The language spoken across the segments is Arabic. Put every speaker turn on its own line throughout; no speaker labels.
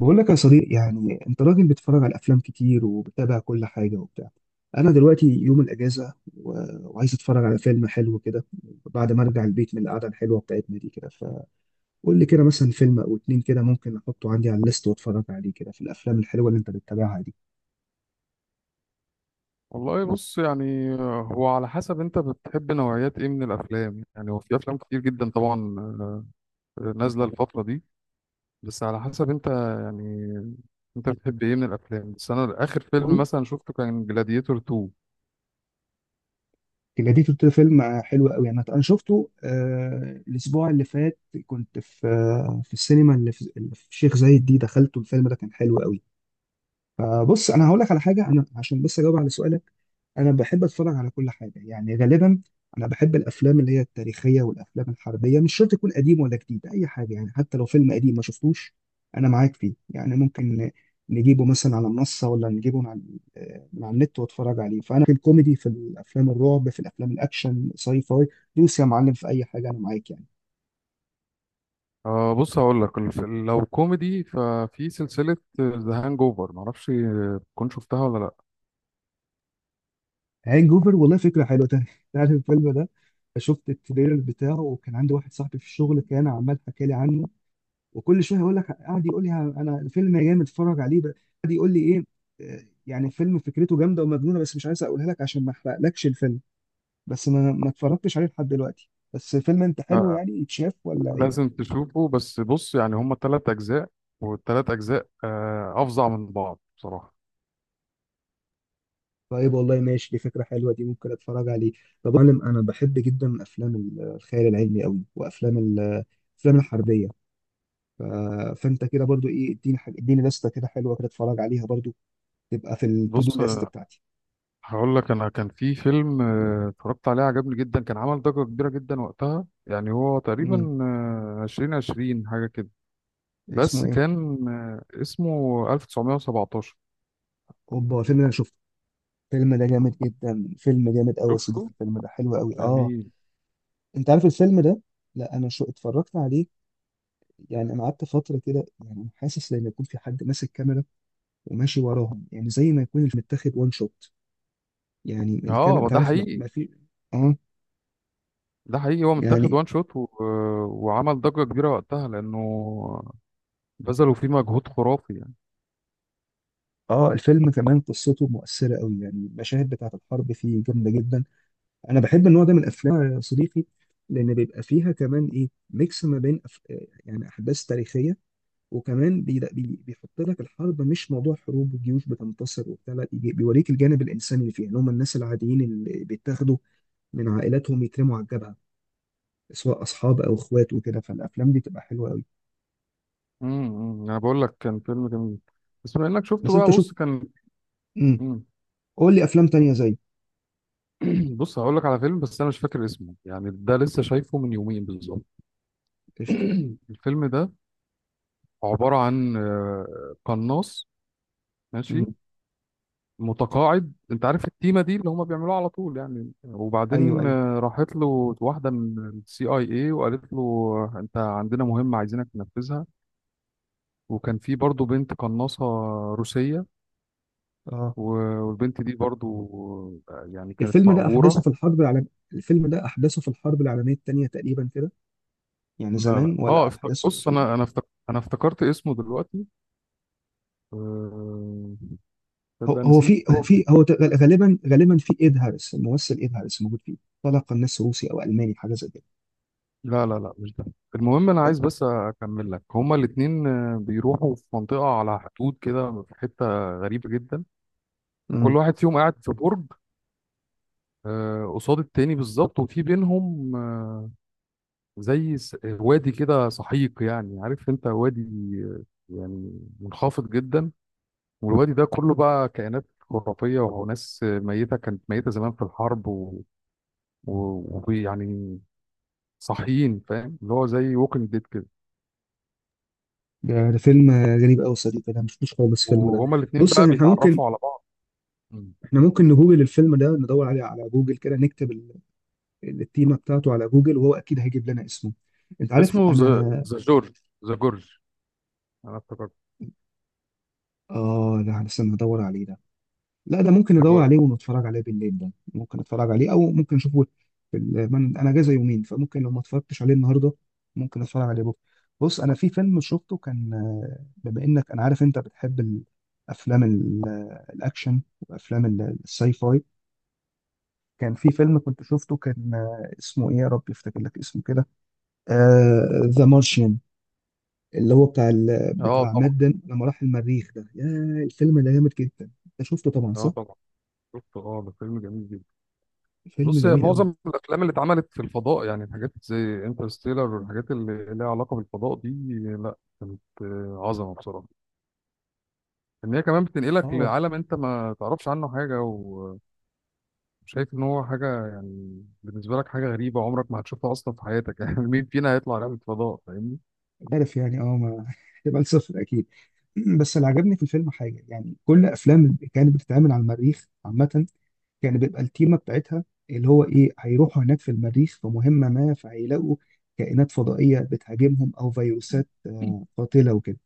بقول لك يا صديق، يعني انت راجل بتتفرج على افلام كتير وبتابع كل حاجه وبتاع. انا دلوقتي يوم الاجازه وعايز اتفرج على فيلم حلو كده بعد ما ارجع البيت من القعده الحلوه بتاعتنا دي كده. فقول لي كده مثلا فيلم او اتنين كده ممكن احطه عندي على الليست واتفرج عليه، كده في الافلام الحلوه اللي انت بتتابعها دي.
والله بص يعني هو على حسب انت بتحب نوعيات ايه من الافلام؟ يعني هو في افلام كتير جدا طبعا، نازله الفتره دي. بس على حسب انت يعني، انت بتحب ايه من الافلام؟ بس انا اخر فيلم
والله
مثلا شفته كان جلاديتور 2.
جديد، قلت فيلم حلو قوي يعني. انا شفته الاسبوع اللي فات، كنت في في السينما اللي في الشيخ زايد دي، دخلته الفيلم ده كان حلو قوي. بص انا هقول لك على حاجه، انا عشان بس اجاوب على سؤالك. انا بحب اتفرج على كل حاجه يعني غالبا. انا بحب الافلام اللي هي التاريخيه والافلام الحربيه، مش شرط تكون قديم ولا جديد، اي حاجه يعني حتى لو فيلم قديم ما شفتوش انا معاك فيه، يعني ممكن نجيبه مثلا على منصه، ولا نجيبه من على، من على النت واتفرج عليه. فانا في الكوميدي، في الافلام الرعب، في الافلام الاكشن ساي فاي، دوس يا معلم في اي حاجه، انا معاك يعني.
بص، هقول لك لو كوميدي ففي سلسله ذا هانج اوفر، معرفش تكون شفتها ولا لا.
هانج اوفر، والله فكره حلوه. تعرف الفيلم ده؟ شفت التريلر بتاعه، وكان عندي واحد صاحبي في الشغل كان عمال حكى لي عنه، وكل شويه يقول لك، قاعد يقول لي انا الفيلم يا جامد اتفرج عليه بقى. قاعد يقول لي ايه، يعني الفيلم فكرته جامده ومجنونه، بس مش عايز اقولها لك عشان ما احرقلكش الفيلم. بس ما اتفرجتش عليه لحد دلوقتي. بس فيلم انت حلو
لا،
يعني يتشاف ولا ايه؟
لازم تشوفه. بس بص يعني هما ثلاث اجزاء، والثلاث اجزاء افظع من بعض بصراحه.
طيب والله ماشي، دي فكره حلوه دي، ممكن اتفرج عليه. طب يا معلم، انا بحب جدا افلام الخيال العلمي قوي، وافلام الافلام الحربيه. ف- فانت كده برضو ايه، اديني حاجه، اديني لسته كده حلوه كده اتفرج عليها برضو، تبقى في التو دو
بص
ليست بتاعتي.
هقول لك، انا كان في فيلم اتفرجت عليه، عجبني جدا، كان عمل ضجة كبيرة جدا وقتها. يعني هو
امم
تقريبا عشرين عشرين حاجة كده،
اسمه
بس
ايه؟
كان اسمه 1917.
اوبا الفيلم ده انا شفته، الفيلم ده جامد جدا، فيلم جامد قوي يا
شفته؟
صديقي، الفيلم ده حلو قوي اه.
جميل.
انت عارف الفيلم ده؟ لا انا شو اتفرجت عليه يعني. انا قعدت فتره كده يعني، أنا حاسس لما يكون في حد ماسك كاميرا وماشي وراهم، يعني زي ما يكون متاخد وان شوت، يعني الكاميرا
اه
انت
ده
عارف ما,
حقيقي.
ما في. اه.
ده حقيقي، هو متاخد
يعني
وان شوت و وعمل ضجة كبيرة وقتها لأنه بذلوا فيه مجهود خرافي يعني.
اه الفيلم كمان قصته مؤثره قوي يعني، المشاهد بتاعت الحرب فيه جامده جدا. انا بحب النوع ده من الافلام يا صديقي، لان بيبقى فيها كمان ايه، ميكس ما بين يعني احداث تاريخيه، وكمان بيحط لك الحرب مش موضوع حروب وجيوش بتنتصر وبتاع، لا بيوريك الجانب الانساني اللي فيها، اللي هم الناس العاديين اللي بيتاخدوا من عائلاتهم يترموا على الجبهه، سواء اصحاب او اخوات وكده. فالافلام دي بتبقى حلوه قوي.
انا بقول لك كان فيلم جميل، بس بما انك شفته
بس
بقى،
انت شوف.
بص كان…
امم
مم.
قول لي افلام تانية زي.
بص هقول لك على فيلم، بس انا مش فاكر اسمه يعني، ده لسه شايفه من يومين بالظبط.
قشطه.
الفيلم ده عبارة عن قناص، ماشي،
امم.
متقاعد. انت عارف التيمة دي اللي هما بيعملوها على طول يعني.
ايوه
وبعدين
ايوه.
راحت له واحدة من السي اي اي، وقالت له انت عندنا مهمة عايزينك تنفذها. وكان في برضو بنت قناصة روسية،
اه
والبنت دي برضو يعني كانت
الفيلم ده احداثه
مأجورة.
في الحرب العالميه، الفيلم ده احداثه في الحرب العالميه الثانيه تقريبا كده، يعني
لا لا،
زمان
اه
ولا احداثه
بص،
الفيلم؟
انا افتكرت اسمه دلوقتي. آه، تصدق
هو هو
نسيت.
في هو في هو ت- غالبا، غالبا في ايد هاريس الممثل، ايد هاريس موجود فيه، طلع قناص روسي او الماني حاجه زي كده.
لا لا لا، مش ده. المهم انا
ده.
عايز بس اكمل لك، هما الاتنين بيروحوا في منطقة على حدود كده، في حتة غريبة جدا.
امم.
وكل واحد فيهم قاعد في برج قصاد التاني بالظبط، وفي بينهم زي وادي كده سحيق. يعني عارف انت وادي آه، يعني منخفض جدا. والوادي ده كله بقى كائنات خرافية وناس ميتة، كانت ميتة زمان في الحرب، ويعني ويعني صاحيين، فاهم؟ اللي هو زي ووكينج ديد كده.
ده ده فيلم غريب قوي صديقي، انا ما شفتوش خالص الفيلم ده.
وهما الاتنين
بص
بقى
يعني احنا ممكن،
بيتعرفوا على بعض. مم.
احنا ممكن نجوجل الفيلم ده، ندور عليه على جوجل كده، نكتب التيمه بتاعته على جوجل، وهو اكيد هيجيب لنا اسمه. انت عارف
اسمه ذا،
انا.
ذا جورج، ذا جورج. انا افتكرت،
اه لا أنا استنى ادور عليه ده، لا ده ممكن
ذا
ندور
جورج.
عليه ونتفرج عليه بالليل، ده ممكن اتفرج عليه او ممكن اشوفه في انا اجازه يومين، فممكن لو ما اتفرجتش عليه النهارده ممكن اتفرج عليه بكره. بص انا في فيلم شفته كان، بما انك انا عارف انت بتحب الافلام الاكشن وافلام الساي فاي. كان في فيلم كنت شفته كان، اسمه ايه يا رب يفتكر لك اسمه كده، ذا مارشيان، اللي هو بتاع
اه
بتاع مات
طبعا.
ديمون لما راح المريخ ده يا. الفيلم ده جامد جدا، انت شفته طبعا
اه
صح؟
طبعا شفته، اه ده فيلم جميل جدا.
فيلم
بص، يا
جميل قوي.
معظم الافلام اللي اتعملت في الفضاء، يعني الحاجات زي انترستيلر والحاجات اللي ليها علاقه بالفضاء دي، لا، كانت عظمه بصراحه. ان هي كمان بتنقلك
اه
لعالم انت ما تعرفش عنه حاجه، وشايف ان هو حاجه يعني بالنسبه لك حاجه غريبه عمرك ما هتشوفها اصلا في حياتك. يعني مين فينا هيطلع رحله فضاء؟ فاهمني؟
عارف يعني، اه ما هتبقى صفر اكيد. بس اللي عجبني في الفيلم حاجه يعني، كل افلام اللي كانت بتتعمل على المريخ عامه كان بيبقى التيمه بتاعتها اللي هو ايه، هيروحوا هناك في المريخ في مهمه ما، فهيلاقوا كائنات فضائيه بتهاجمهم، او فيروسات قاتله وكده.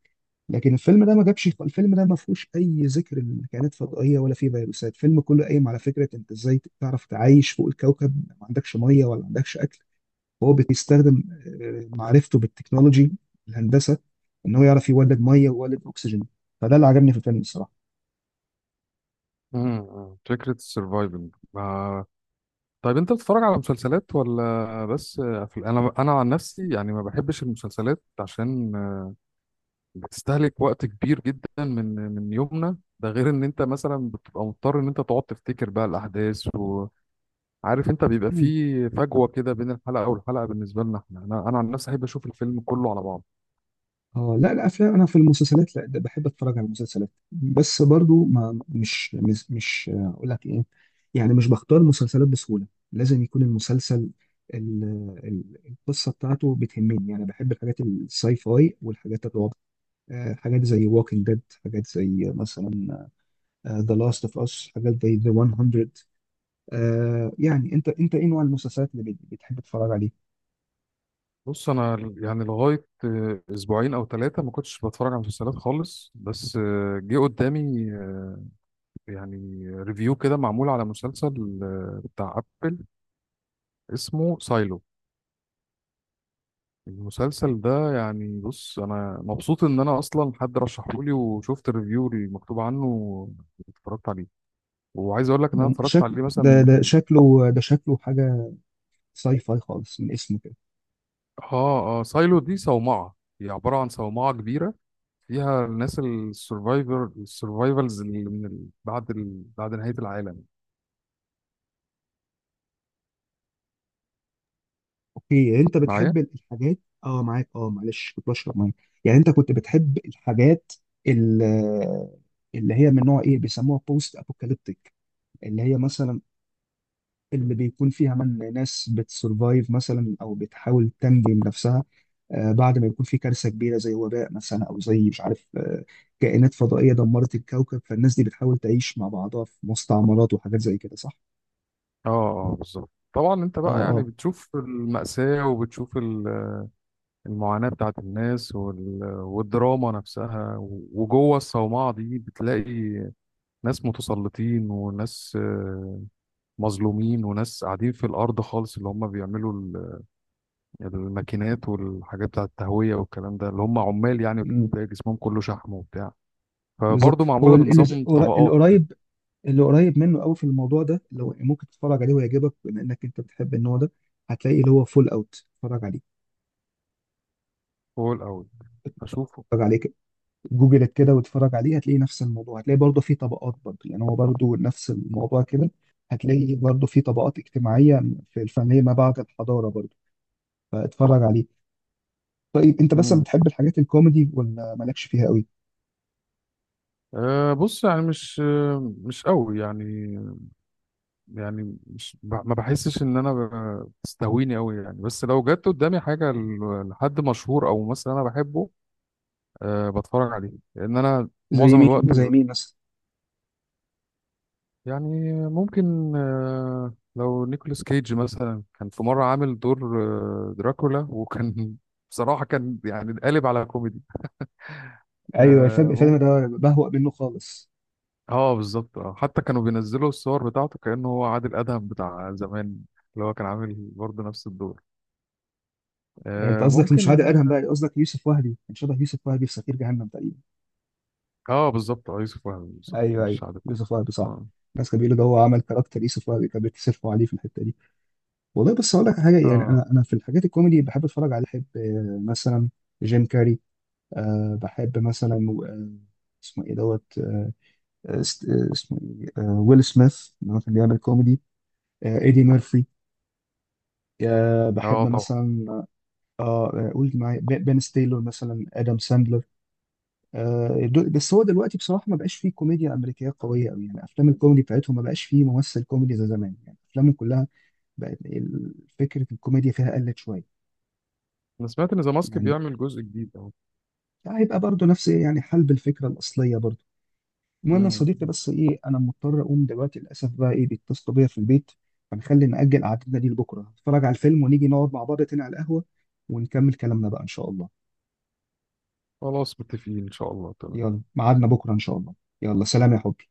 لكن الفيلم ده ما جابش، الفيلم ده ما فيهوش اي ذكر لكائنات فضائيه ولا فيه فيروسات. الفيلم كله قايم على فكره انت ازاي تعرف تعيش فوق الكوكب ما عندكش ميه ولا عندكش اكل. هو بيستخدم معرفته بالتكنولوجي، الهندسه، ان هو يعرف يولد ميه ويولد اكسجين. فده اللي عجبني في الفيلم الصراحه.
مم. فكره السرفايفنج. طيب انت بتتفرج على مسلسلات ولا بس انا انا عن نفسي يعني ما بحبش المسلسلات، عشان بتستهلك وقت كبير جدا من يومنا ده. غير ان انت مثلا بتبقى مضطر ان انت تقعد تفتكر بقى الاحداث، وعارف انت بيبقى
مم.
في فجوة كده بين الحلقة والحلقة بالنسبة لنا احنا. انا عن نفسي احب اشوف الفيلم كله على بعض.
اه لا الافلام، انا في المسلسلات لا، ده بحب اتفرج على المسلسلات بس برضو ما مش مش, مش اقول لك ايه، يعني مش بختار مسلسلات بسهوله. لازم يكون المسلسل ال- القصه بتاعته بتهمني. يعني بحب الحاجات الساي فاي والحاجات الرعب، حاجات زي ووكينج ديد، حاجات زي مثلا ذا لاست اوف اس، حاجات زي ذا 100. يعني انت، انت ايه نوع المسلسلات بتحب تتفرج عليه؟
بص انا يعني لغاية اسبوعين او ثلاثة ما كنتش بتفرج على مسلسلات خالص، بس جه قدامي يعني ريفيو كده معمول على مسلسل بتاع ابل اسمه سايلو. المسلسل ده يعني، بص انا مبسوط ان انا اصلا حد رشحه لي، وشفت الريفيو المكتوب عنه واتفرجت عليه، وعايز اقول لك ان انا
ده
اتفرجت
شكل
عليه
ده
مثلا.
ده شكله ده شكله حاجه ساي فاي خالص من اسمه كده.
اه اه، سايلو دي صومعة، هي عبارة عن صومعة كبيرة فيها الناس السرفايفر، السرفايفلز اللي من ال… بعد ال… بعد نهاية العالم.
اوكي انت
معايا؟
بتحب الحاجات. اه معاك، اه معلش كنت بشرب ميه. يعني انت كنت بتحب الحاجات ال- اللي هي من نوع ايه بيسموها بوست ابوكاليبتيك، اللي هي مثلا، اللي بيكون فيها من ناس بتسرفايف مثلا، او بتحاول تنجم نفسها بعد ما يكون في كارثه كبيره زي وباء مثلا، او زي مش عارف، كائنات فضائيه دمرت الكوكب، فالناس دي بتحاول تعيش مع بعضها في مستعمرات وحاجات زي كده صح؟
اه اه بالظبط، طبعا انت
اه
بقى يعني
اه.
بتشوف المأساة وبتشوف ال… المعاناة بتاعت الناس وال… والدراما نفسها. وجوه الصومعة دي بتلاقي ناس متسلطين وناس مظلومين، وناس قاعدين في الأرض خالص اللي هم بيعملوا الماكينات والحاجات بتاعت التهوية والكلام ده، اللي هم عمال يعني
مم،
بتلاقي جسمهم كله شحم وبتاع.
بالظبط.
فبرضه
هو
معمولة
ال- اللي ز-
بنظام
قر- اللي
طبقات كده.
قريب، اللي قريب منه قوي في الموضوع ده لو ممكن تتفرج عليه ويعجبك بما انك انت بتحب النوع ده، هتلاقي اللي هو فول اوت، اتفرج عليه.
فوق الأول أشوفه.
اتفرج عليه، جوجلت كده واتفرج عليه، هتلاقي نفس الموضوع، هتلاقي برضه في طبقات برضه، يعني هو برضه نفس الموضوع كده. هتلاقي برضه في طبقات اجتماعية، في الفنية ما بعد الحضارة برضه، فاتفرج عليه. طيب انت مثلا
مم.
بتحب الحاجات الكوميدي ولا مالكش فيها قوي؟
أه بص يعني مش مش قوي يعني. يعني مش ما بحسش ان انا بتستهويني قوي يعني، بس لو جت قدامي حاجه لحد مشهور او ممثل انا بحبه أه بتفرج عليه، لان انا
زي
معظم
مين
الوقت
زي مين مثلا؟
يعني ممكن أه، لو نيكولاس كيج مثلا كان في مره عامل دور دراكولا، وكان بصراحه كان يعني قالب على كوميدي.
ايوه الفيلم
اه
الفيلم
ممكن.
ده بهوأ منه خالص.
اه بالظبط، اه حتى كانوا بينزلوا الصور بتاعته كانه هو عادل ادهم بتاع زمان، اللي هو كان عامل برضه نفس الدور
انت قصدك مش عادل
ممكن.
ادهم بقى، قصدك يوسف وهبي، كان شبه يوسف وهبي في سفير جهنم تقريبا.
اه بالظبط، اه يوسف وهبي بالظبط،
ايوه ايوه
مش عارف.
يوسف وهبي صح.
اه.
الناس كانوا بيقولوا ده هو عمل كاركتر يوسف وهبي، كان بيتصرفوا عليه في الحتة دي. والله بس اقول لك حاجه يعني،
اه
انا في الحاجات الكوميدي بحب اتفرج على، بحب مثلا جيم كاري. أه بحب مثلا آه، اسمه ايه دوت اسمه ايه ويل سميث، اللي هو كان بيعمل كوميدي، ايدي ميرفي. أه
اه
بحب
طبعا.
مثلا اه قول معايا، بن ستيلر مثلا، ادم ساندلر. أه بس هو دلوقتي بصراحه ما بقاش فيه كوميديا امريكيه قويه قوي يعني. افلام الكوميدي بتاعتهم ما بقاش فيه ممثل كوميدي زي زمان، يعني افلامهم كلها بقت فكره الكوميديا فيها قلت شويه.
انا سمعت ان ذا ماسك
يعني
بيعمل جزء جديد اهو.
هيبقى برضه نفس ايه يعني، حلب الفكره الاصليه برضه. المهم يا
مم.
صديقي بس ايه، انا مضطر اقوم دلوقتي للاسف بقى، ايه بيتصلوا بيا في البيت. فنخلي نأجل قعدتنا دي لبكره، نتفرج على الفيلم ونيجي نقعد مع بعض تاني على القهوه، ونكمل كلامنا بقى ان شاء الله.
خلاص متفقين ان شاء الله، تمام.
يلا ميعادنا بكره ان شاء الله. يلا سلام يا حبي.